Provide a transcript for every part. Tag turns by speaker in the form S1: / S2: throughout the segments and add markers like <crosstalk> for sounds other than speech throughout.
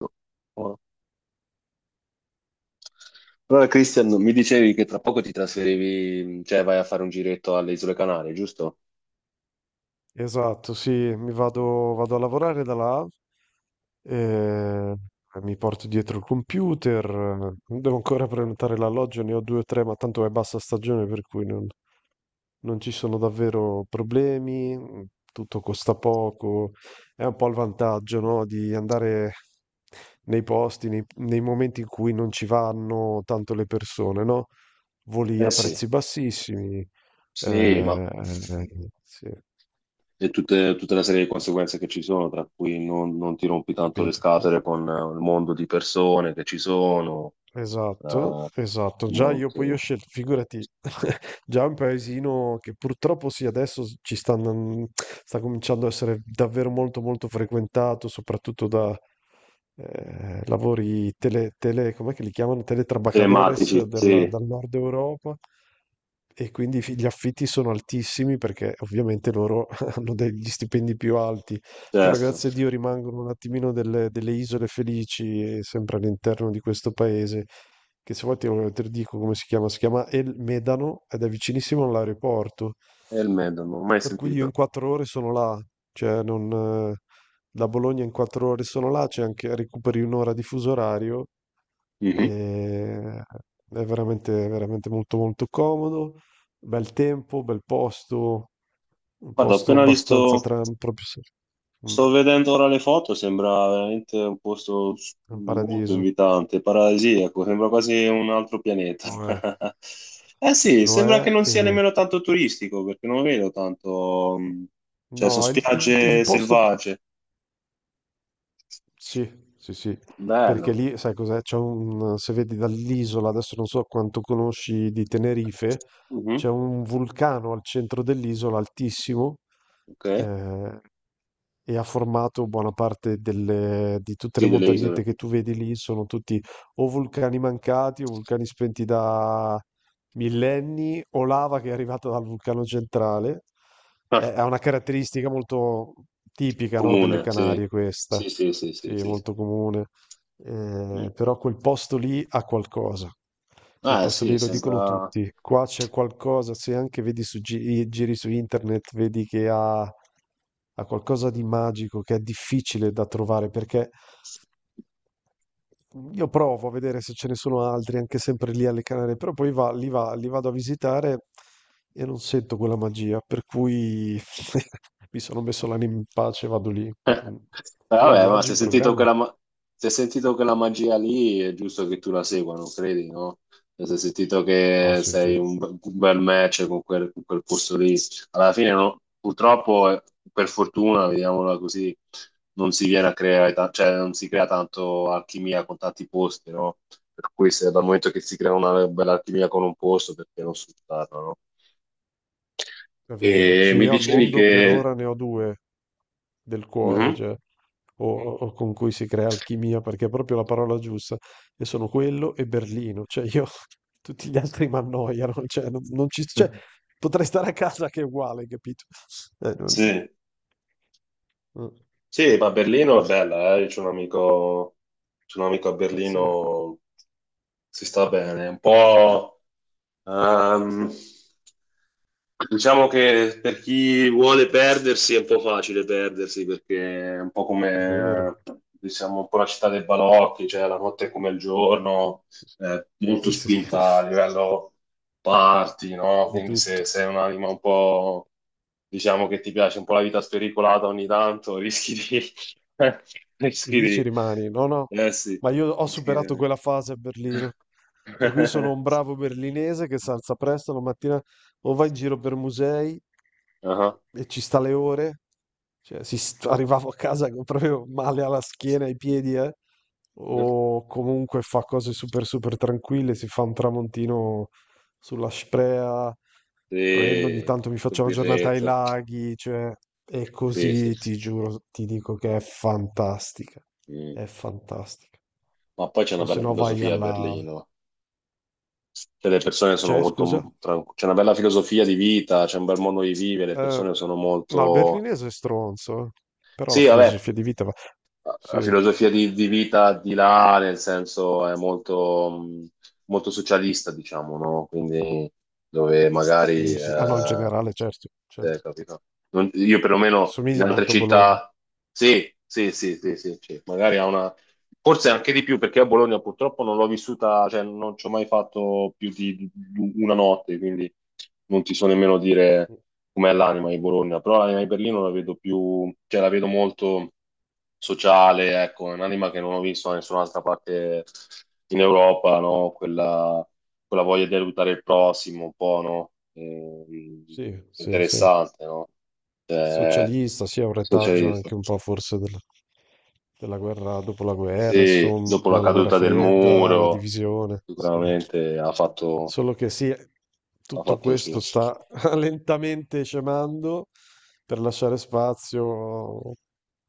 S1: No. Buono. Allora, Christian, mi dicevi che tra poco ti trasferivi, cioè vai a fare un giretto alle Isole Canarie, giusto?
S2: Esatto, sì, vado a lavorare da là, eh, mi porto dietro il computer, <laughs> devo ancora prenotare l'alloggio, ne ho 2 o 3, ma tanto è bassa stagione per cui non ci sono davvero problemi, tutto costa poco, è un po' il vantaggio, no? Di andare nei momenti in cui non ci vanno tanto le persone, no? Voli
S1: Eh
S2: a
S1: sì.
S2: prezzi bassissimi,
S1: Sì, ma
S2: sì,
S1: e tutta la serie di conseguenze che ci sono, tra cui non ti rompi tanto le
S2: capito.
S1: scatole con il mondo di persone che ci sono,
S2: Esatto,
S1: eh,
S2: esatto. Già io poi ho
S1: molto
S2: scelto, figurati, <laughs> già un paesino che purtroppo sì, adesso sta cominciando a essere davvero molto molto frequentato, soprattutto da lavori com'è che li chiamano? Teletrabajadores
S1: telematici, sì,
S2: dal nord Europa e quindi gli affitti sono altissimi perché ovviamente loro <laughs> hanno degli stipendi più alti. Però
S1: certo.
S2: grazie a Dio rimangono un attimino delle isole felici, e sempre all'interno di questo paese, che se vuoi te lo dico come si chiama El Medano ed è vicinissimo all'aeroporto.
S1: E il Med, non l'ho mai
S2: Per cui io
S1: sentito.
S2: in 4 ore sono là, cioè non, eh, da Bologna in 4 ore sono là, c'è anche recuperi 1 ora di fuso orario
S1: Mhm.
S2: e è veramente, veramente molto molto comodo, bel tempo, bel posto, un
S1: Guarda, ho
S2: posto
S1: appena
S2: abbastanza
S1: visto.
S2: tran proprio se- mm,
S1: Sto vedendo ora le foto, sembra veramente un
S2: è un
S1: molto
S2: paradiso,
S1: invitante, paradisiaco, sembra quasi un altro pianeta.
S2: lo è,
S1: <laughs> Eh sì,
S2: lo
S1: sembra che
S2: è
S1: non sia
S2: e
S1: nemmeno tanto turistico, perché non vedo tanto, cioè sono
S2: no, il
S1: spiagge
S2: posto più
S1: selvagge.
S2: sì, sì, sì, perché
S1: Bello.
S2: lì, sai cos'è? C'è un, se vedi dall'isola, adesso non so quanto conosci di Tenerife,
S1: Mhm.
S2: c'è un vulcano al centro dell'isola altissimo,
S1: Ok.
S2: eh, e ha formato buona parte di tutte le
S1: Sì, delle
S2: montagnette
S1: isole.
S2: che tu vedi lì, sono tutti o vulcani mancati o vulcani spenti da millenni o lava che è arrivata dal vulcano centrale.
S1: Ah,
S2: Ha una caratteristica molto tipica, no, delle
S1: comune, sì.
S2: Canarie questa,
S1: Sì, sì, sì, sì,
S2: sì,
S1: sì,
S2: molto
S1: sì.
S2: comune.
S1: Mm.
S2: Però quel posto lì ha qualcosa. Quel
S1: Ah
S2: posto
S1: sì,
S2: lì lo dicono
S1: sembra...
S2: tutti. Qua c'è qualcosa, se anche vedi su giri su internet, vedi che ha qualcosa di magico che è difficile da trovare perché io provo a vedere se ce ne sono altri, anche sempre lì alle Canarie, però poi li vado a visitare e non sento quella magia, per cui <laughs> mi sono messo l'anima in pace e vado lì.
S1: Eh.
S2: Mm. Tu hai
S1: Vabbè, ma se
S2: viaggi
S1: hai
S2: in
S1: sentito
S2: programma?
S1: se hai sentito quella magia lì, è giusto che tu la segua, non credi, no? Se hai sentito
S2: Ah,
S1: che
S2: sì,
S1: sei
S2: sì.
S1: un bel match con con quel posto lì, alla fine, purtroppo, per fortuna, vediamola così, non si viene a cioè non si crea tanto alchimia con tanti posti, no? Per cui se dal momento che si crea una bella alchimia con un posto, perché non sfruttarla, no?
S2: È vero.
S1: E
S2: Sì,
S1: mi
S2: io al
S1: dicevi
S2: mondo per
S1: che...
S2: ora ne ho due del cuore,
S1: Mhm.
S2: cioè, o con cui si crea alchimia, perché è proprio la parola giusta. E sono quello e Berlino. Cioè, io <laughs> tutti gli altri mi annoiano. Cioè, non, non ci, cioè, potrei stare a casa che è uguale, capito? Eh, non-
S1: Sì.
S2: mm.
S1: Sì, ma Berlino è bella, eh. C'è un amico a
S2: Sì, è
S1: Berlino, si sta bene, un po'. Ehm, diciamo che per chi vuole perdersi è un po' facile perdersi perché è un po'
S2: vero.
S1: come, diciamo, un po' la città dei balocchi, cioè la notte è come il giorno,
S2: Sì, sì.
S1: molto
S2: Sì, sì, sì.
S1: spinta a
S2: <laughs>
S1: livello party, no?
S2: Di
S1: Quindi se
S2: tutto.
S1: sei un'anima un po', diciamo che ti piace un po' la vita spericolata ogni tanto, rischi di... <laughs> rischi
S2: Lì ci
S1: di...
S2: rimani, no, no.
S1: Eh sì,
S2: Ma io ho
S1: rischi
S2: superato
S1: di...
S2: quella fase a Berlino. Per cui sono un
S1: <laughs>
S2: bravo berlinese che si alza presto la mattina o va in giro per musei
S1: Ah.
S2: e ci sta le ore. Cioè, <laughs> arrivavo a casa con proprio male alla schiena, ai piedi, eh.
S1: Ah.
S2: O comunque fa cose super super tranquille, si fa un tramontino sulla Sprea, prendo ogni
S1: Sì,
S2: tanto mi
S1: col
S2: faccio una giornata ai
S1: birretto.
S2: laghi, cioè e
S1: Sì, sì.
S2: così ti giuro, ti dico che è fantastica,
S1: Mm.
S2: è fantastica.
S1: Ma poi c'è
S2: O
S1: una
S2: se
S1: bella
S2: no vai
S1: filosofia a
S2: alla...
S1: Berlino. Cioè, le persone sono
S2: C'è, scusa?
S1: molto tranquille. C'è una bella filosofia di vita, c'è un bel modo di vivere, le
S2: Eh,
S1: persone sono
S2: no, il
S1: molto...
S2: berlinese è stronzo, eh. Però la
S1: Sì, vabbè,
S2: filosofia di vita va...
S1: la
S2: Sì,
S1: filosofia di vita di là, nel senso, è molto, molto socialista, diciamo, no? Quindi dove magari...
S2: sì, sì. Ah no, in generale, certo, certo.
S1: capito? Io perlomeno in
S2: Somiglia
S1: altre
S2: molto a Bologna.
S1: città... Sì, sì, sì, sì, sì, sì. Magari ha una... Forse anche di più, perché a Bologna purtroppo non l'ho vissuta, cioè non ci ho mai fatto più di una notte, quindi non ti so nemmeno dire com'è l'anima di Bologna, però l'anima di Berlino la vedo più, cioè la vedo molto sociale, ecco, è un'anima che non ho visto da nessun'altra parte in Europa, no? Quella, quella voglia di aiutare il prossimo, un po', no?
S2: Sì, sì, sì.
S1: Interessante, no? Cioè,
S2: Socialista, sì, ha un retaggio
S1: socialista.
S2: anche un po' forse della guerra dopo la guerra,
S1: Sì, dopo la
S2: insomma, la guerra
S1: caduta del
S2: fredda, la
S1: muro,
S2: divisione. Sì.
S1: sicuramente
S2: Solo che sì,
S1: ha
S2: tutto
S1: fatto il suo.
S2: questo sta <laughs> lentamente scemando per lasciare spazio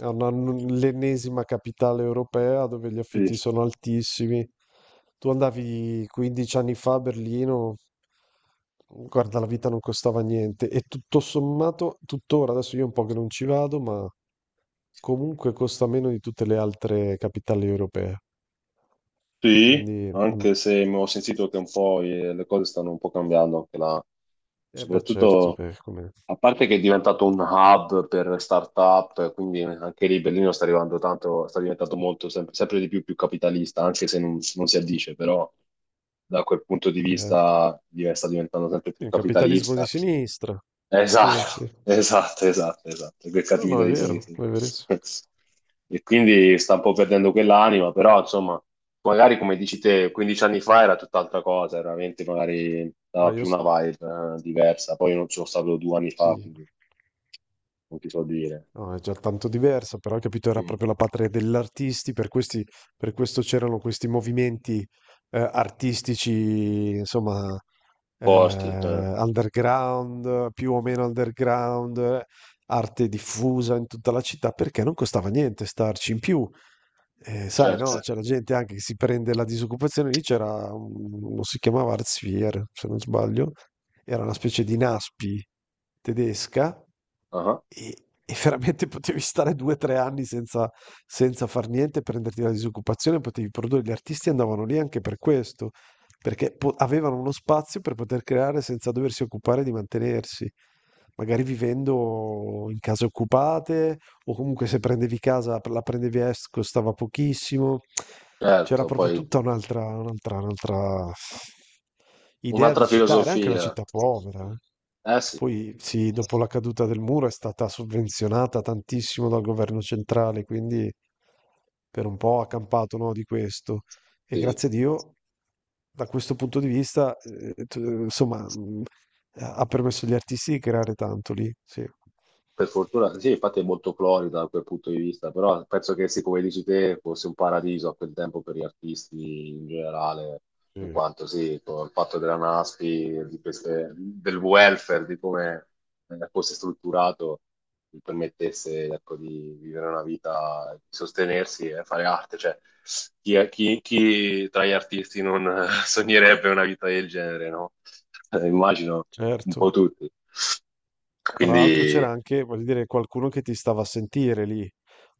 S2: a l'ennesima capitale europea dove gli
S1: Sì.
S2: affitti sono altissimi. Tu andavi 15 anni fa a Berlino, guarda, la vita non costava niente e tutto sommato, tuttora, adesso io un po' che non ci vado, ma comunque costa meno di tutte le altre capitali europee.
S1: Sì,
S2: Quindi, mm.
S1: anche se mi ho sentito che un po' le cose stanno un po' cambiando anche là.
S2: Eh beh, certo,
S1: Soprattutto,
S2: come...
S1: a parte che è diventato un hub per start-up, quindi anche lì Berlino sta arrivando tanto, sta diventando molto, sempre, sempre di più, più capitalista, anche se non si addice, però da quel punto di
S2: Sì, eh.
S1: vista sta diventando sempre
S2: Sì,
S1: più
S2: un capitalismo di
S1: capitalista.
S2: sinistra. Sì,
S1: Esatto,
S2: sì.
S1: <laughs> esatto, esatto, esatto, che
S2: No, no,
S1: cattività
S2: è
S1: di
S2: vero,
S1: Swayze.
S2: è verissimo.
S1: <laughs> E quindi sta un po' perdendo quell'anima, però insomma, magari come dici te, 15 anni fa era tutt'altra cosa, era veramente magari
S2: Ma
S1: dava
S2: io
S1: più una
S2: s-
S1: vibe diversa, poi io non sono stato due anni fa,
S2: sì,
S1: quindi non ti so dire.
S2: no, è già tanto diversa, però capito, era
S1: Mm.
S2: proprio la patria degli artisti, per questi, per questo c'erano questi movimenti artistici, insomma,
S1: Forti,
S2: underground, più o meno underground, arte diffusa in tutta la città, perché non costava niente starci. In più, eh, sai, no,
S1: certo.
S2: c'è la gente anche che si prende la disoccupazione, lì c'era, uno si chiamava Arztvier, se non sbaglio, era una specie di Naspi tedesca
S1: Ah,
S2: e, e veramente potevi stare 2 o 3 anni senza far niente, prenderti la disoccupazione, potevi produrre. Gli artisti andavano lì anche per questo, perché avevano uno spazio per poter creare senza doversi occupare di mantenersi. Magari vivendo in case occupate, o comunque se prendevi casa, la prendevi a est, costava pochissimo. C'era
S1: certo,
S2: proprio
S1: poi
S2: un'altra idea di
S1: un'altra
S2: città, era anche una
S1: filosofia,
S2: città povera. Eh.
S1: eh sì.
S2: Poi sì, dopo la caduta del muro è stata sovvenzionata tantissimo dal governo centrale, quindi per un po' ha campato, no, di questo. E
S1: Sì.
S2: grazie a Dio, da questo punto di vista, insomma, ha permesso agli artisti di creare tanto lì, sì.
S1: Per fortuna, sì, infatti è molto florida da quel punto di vista, però penso che, sì, come dici te, fosse un paradiso a quel tempo per gli artisti in generale, in
S2: Sì.
S1: quanto sì, con il fatto della NASPI, di del welfare, di come fosse strutturato, gli permettesse, ecco, di vivere una vita, di sostenersi e fare arte. Cioè, chi tra gli artisti non <laughs> sognerebbe una vita del genere, no? <laughs> Immagino un
S2: Certo.
S1: po' tutti.
S2: Tra l'altro c'era
S1: Quindi,
S2: anche, voglio dire, qualcuno che ti stava a sentire lì.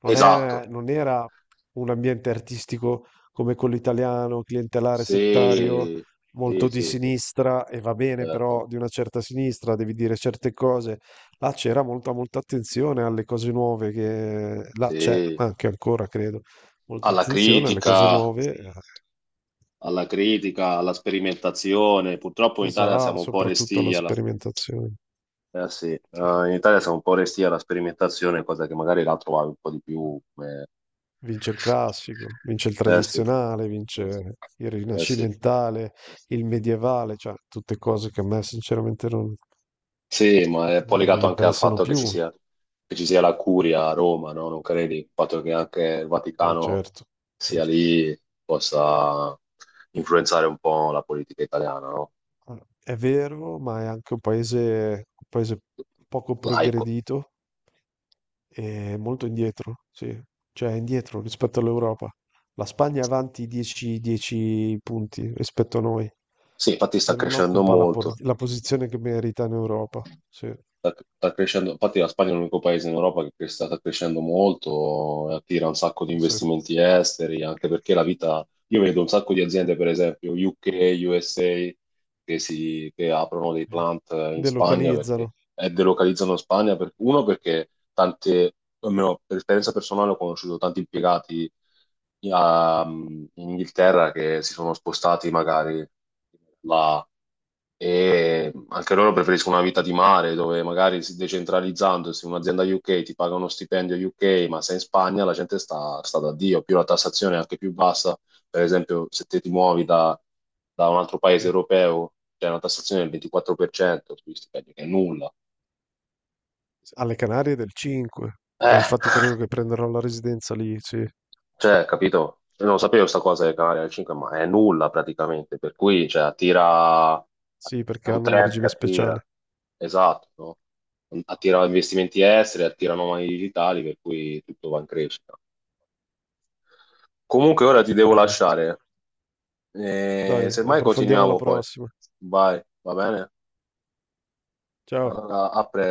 S1: esatto.
S2: Non era un ambiente artistico come quello italiano, clientelare, settario,
S1: Sì, sì,
S2: molto di
S1: sì, sì,
S2: sinistra, e va bene,
S1: certo.
S2: però di una certa sinistra, devi dire certe cose. Là c'era molta, molta attenzione alle cose nuove che là c'è
S1: Sì.
S2: anche ancora, credo molta
S1: Alla
S2: attenzione alle cose
S1: critica,
S2: nuove,
S1: alla critica, alla sperimentazione. Purtroppo in Italia
S2: pesa
S1: siamo un po'
S2: soprattutto alla
S1: restii alla...
S2: sperimentazione.
S1: sì,
S2: Sì.
S1: in Italia siamo un po' restii alla sperimentazione, cosa che magari là trovavi un po' di più come...
S2: Vince il classico, vince il
S1: Eh sì,
S2: tradizionale, vince il
S1: eh sì.
S2: rinascimentale, il medievale, cioè tutte cose che a me sinceramente
S1: Sì, ma è un po'
S2: non
S1: legato
S2: mi
S1: anche al
S2: interessano
S1: fatto
S2: più.
S1: che ci sia la curia a Roma, no? Non credi? Il fatto che anche il Vaticano
S2: Certo,
S1: sia
S2: certo.
S1: lì possa influenzare un po' la politica italiana, no?
S2: È vero, ma è anche un paese poco
S1: Laico.
S2: progredito. È molto indietro, sì, cioè è indietro rispetto all'Europa. La Spagna è avanti 10, 10 punti rispetto a noi
S1: Sì, infatti sta
S2: e non
S1: crescendo
S2: occupa
S1: molto.
S2: la posizione che merita in Europa. Sì,
S1: Sta, sta crescendo, infatti la Spagna è l'unico paese in Europa che sta, sta crescendo molto, e attira un sacco di
S2: sì.
S1: investimenti esteri, anche perché la vita... Io vedo un sacco di aziende, per esempio, UK, USA che, si, che aprono dei
S2: Eh,
S1: plant in Spagna perché
S2: delocalizzano
S1: e delocalizzano in Spagna per, uno perché tante, almeno per esperienza personale ho conosciuto tanti impiegati in Inghilterra che si sono spostati magari là e anche loro preferiscono una vita di mare dove magari si decentralizzandosi un'azienda UK ti paga uno stipendio UK ma se in Spagna la gente sta, sta da Dio più la tassazione è anche più bassa per esempio, se te ti muovi da, da un altro paese
S2: sì.
S1: europeo, c'è una tassazione del 24% sugli stipendi, che è nulla.
S2: Alle Canarie del 5, ma
S1: Eh,
S2: infatti credo che prenderò la residenza lì, sì,
S1: cioè, capito? Io non sapevo questa cosa del Canaria del 5, ma è nulla praticamente, per cui, cioè, attira,
S2: sì,
S1: è
S2: perché
S1: un
S2: hanno un
S1: trend che
S2: regime
S1: attira,
S2: speciale.
S1: esatto, no? Attira investimenti esteri, attira nomadi digitali, per cui tutto va in crescita. Comunque ora ti devo
S2: Esatto.
S1: lasciare,
S2: Dai,
S1: semmai
S2: approfondiamo la
S1: continuiamo poi,
S2: prossima.
S1: vai, va bene?
S2: Ciao.
S1: Allora, a presto.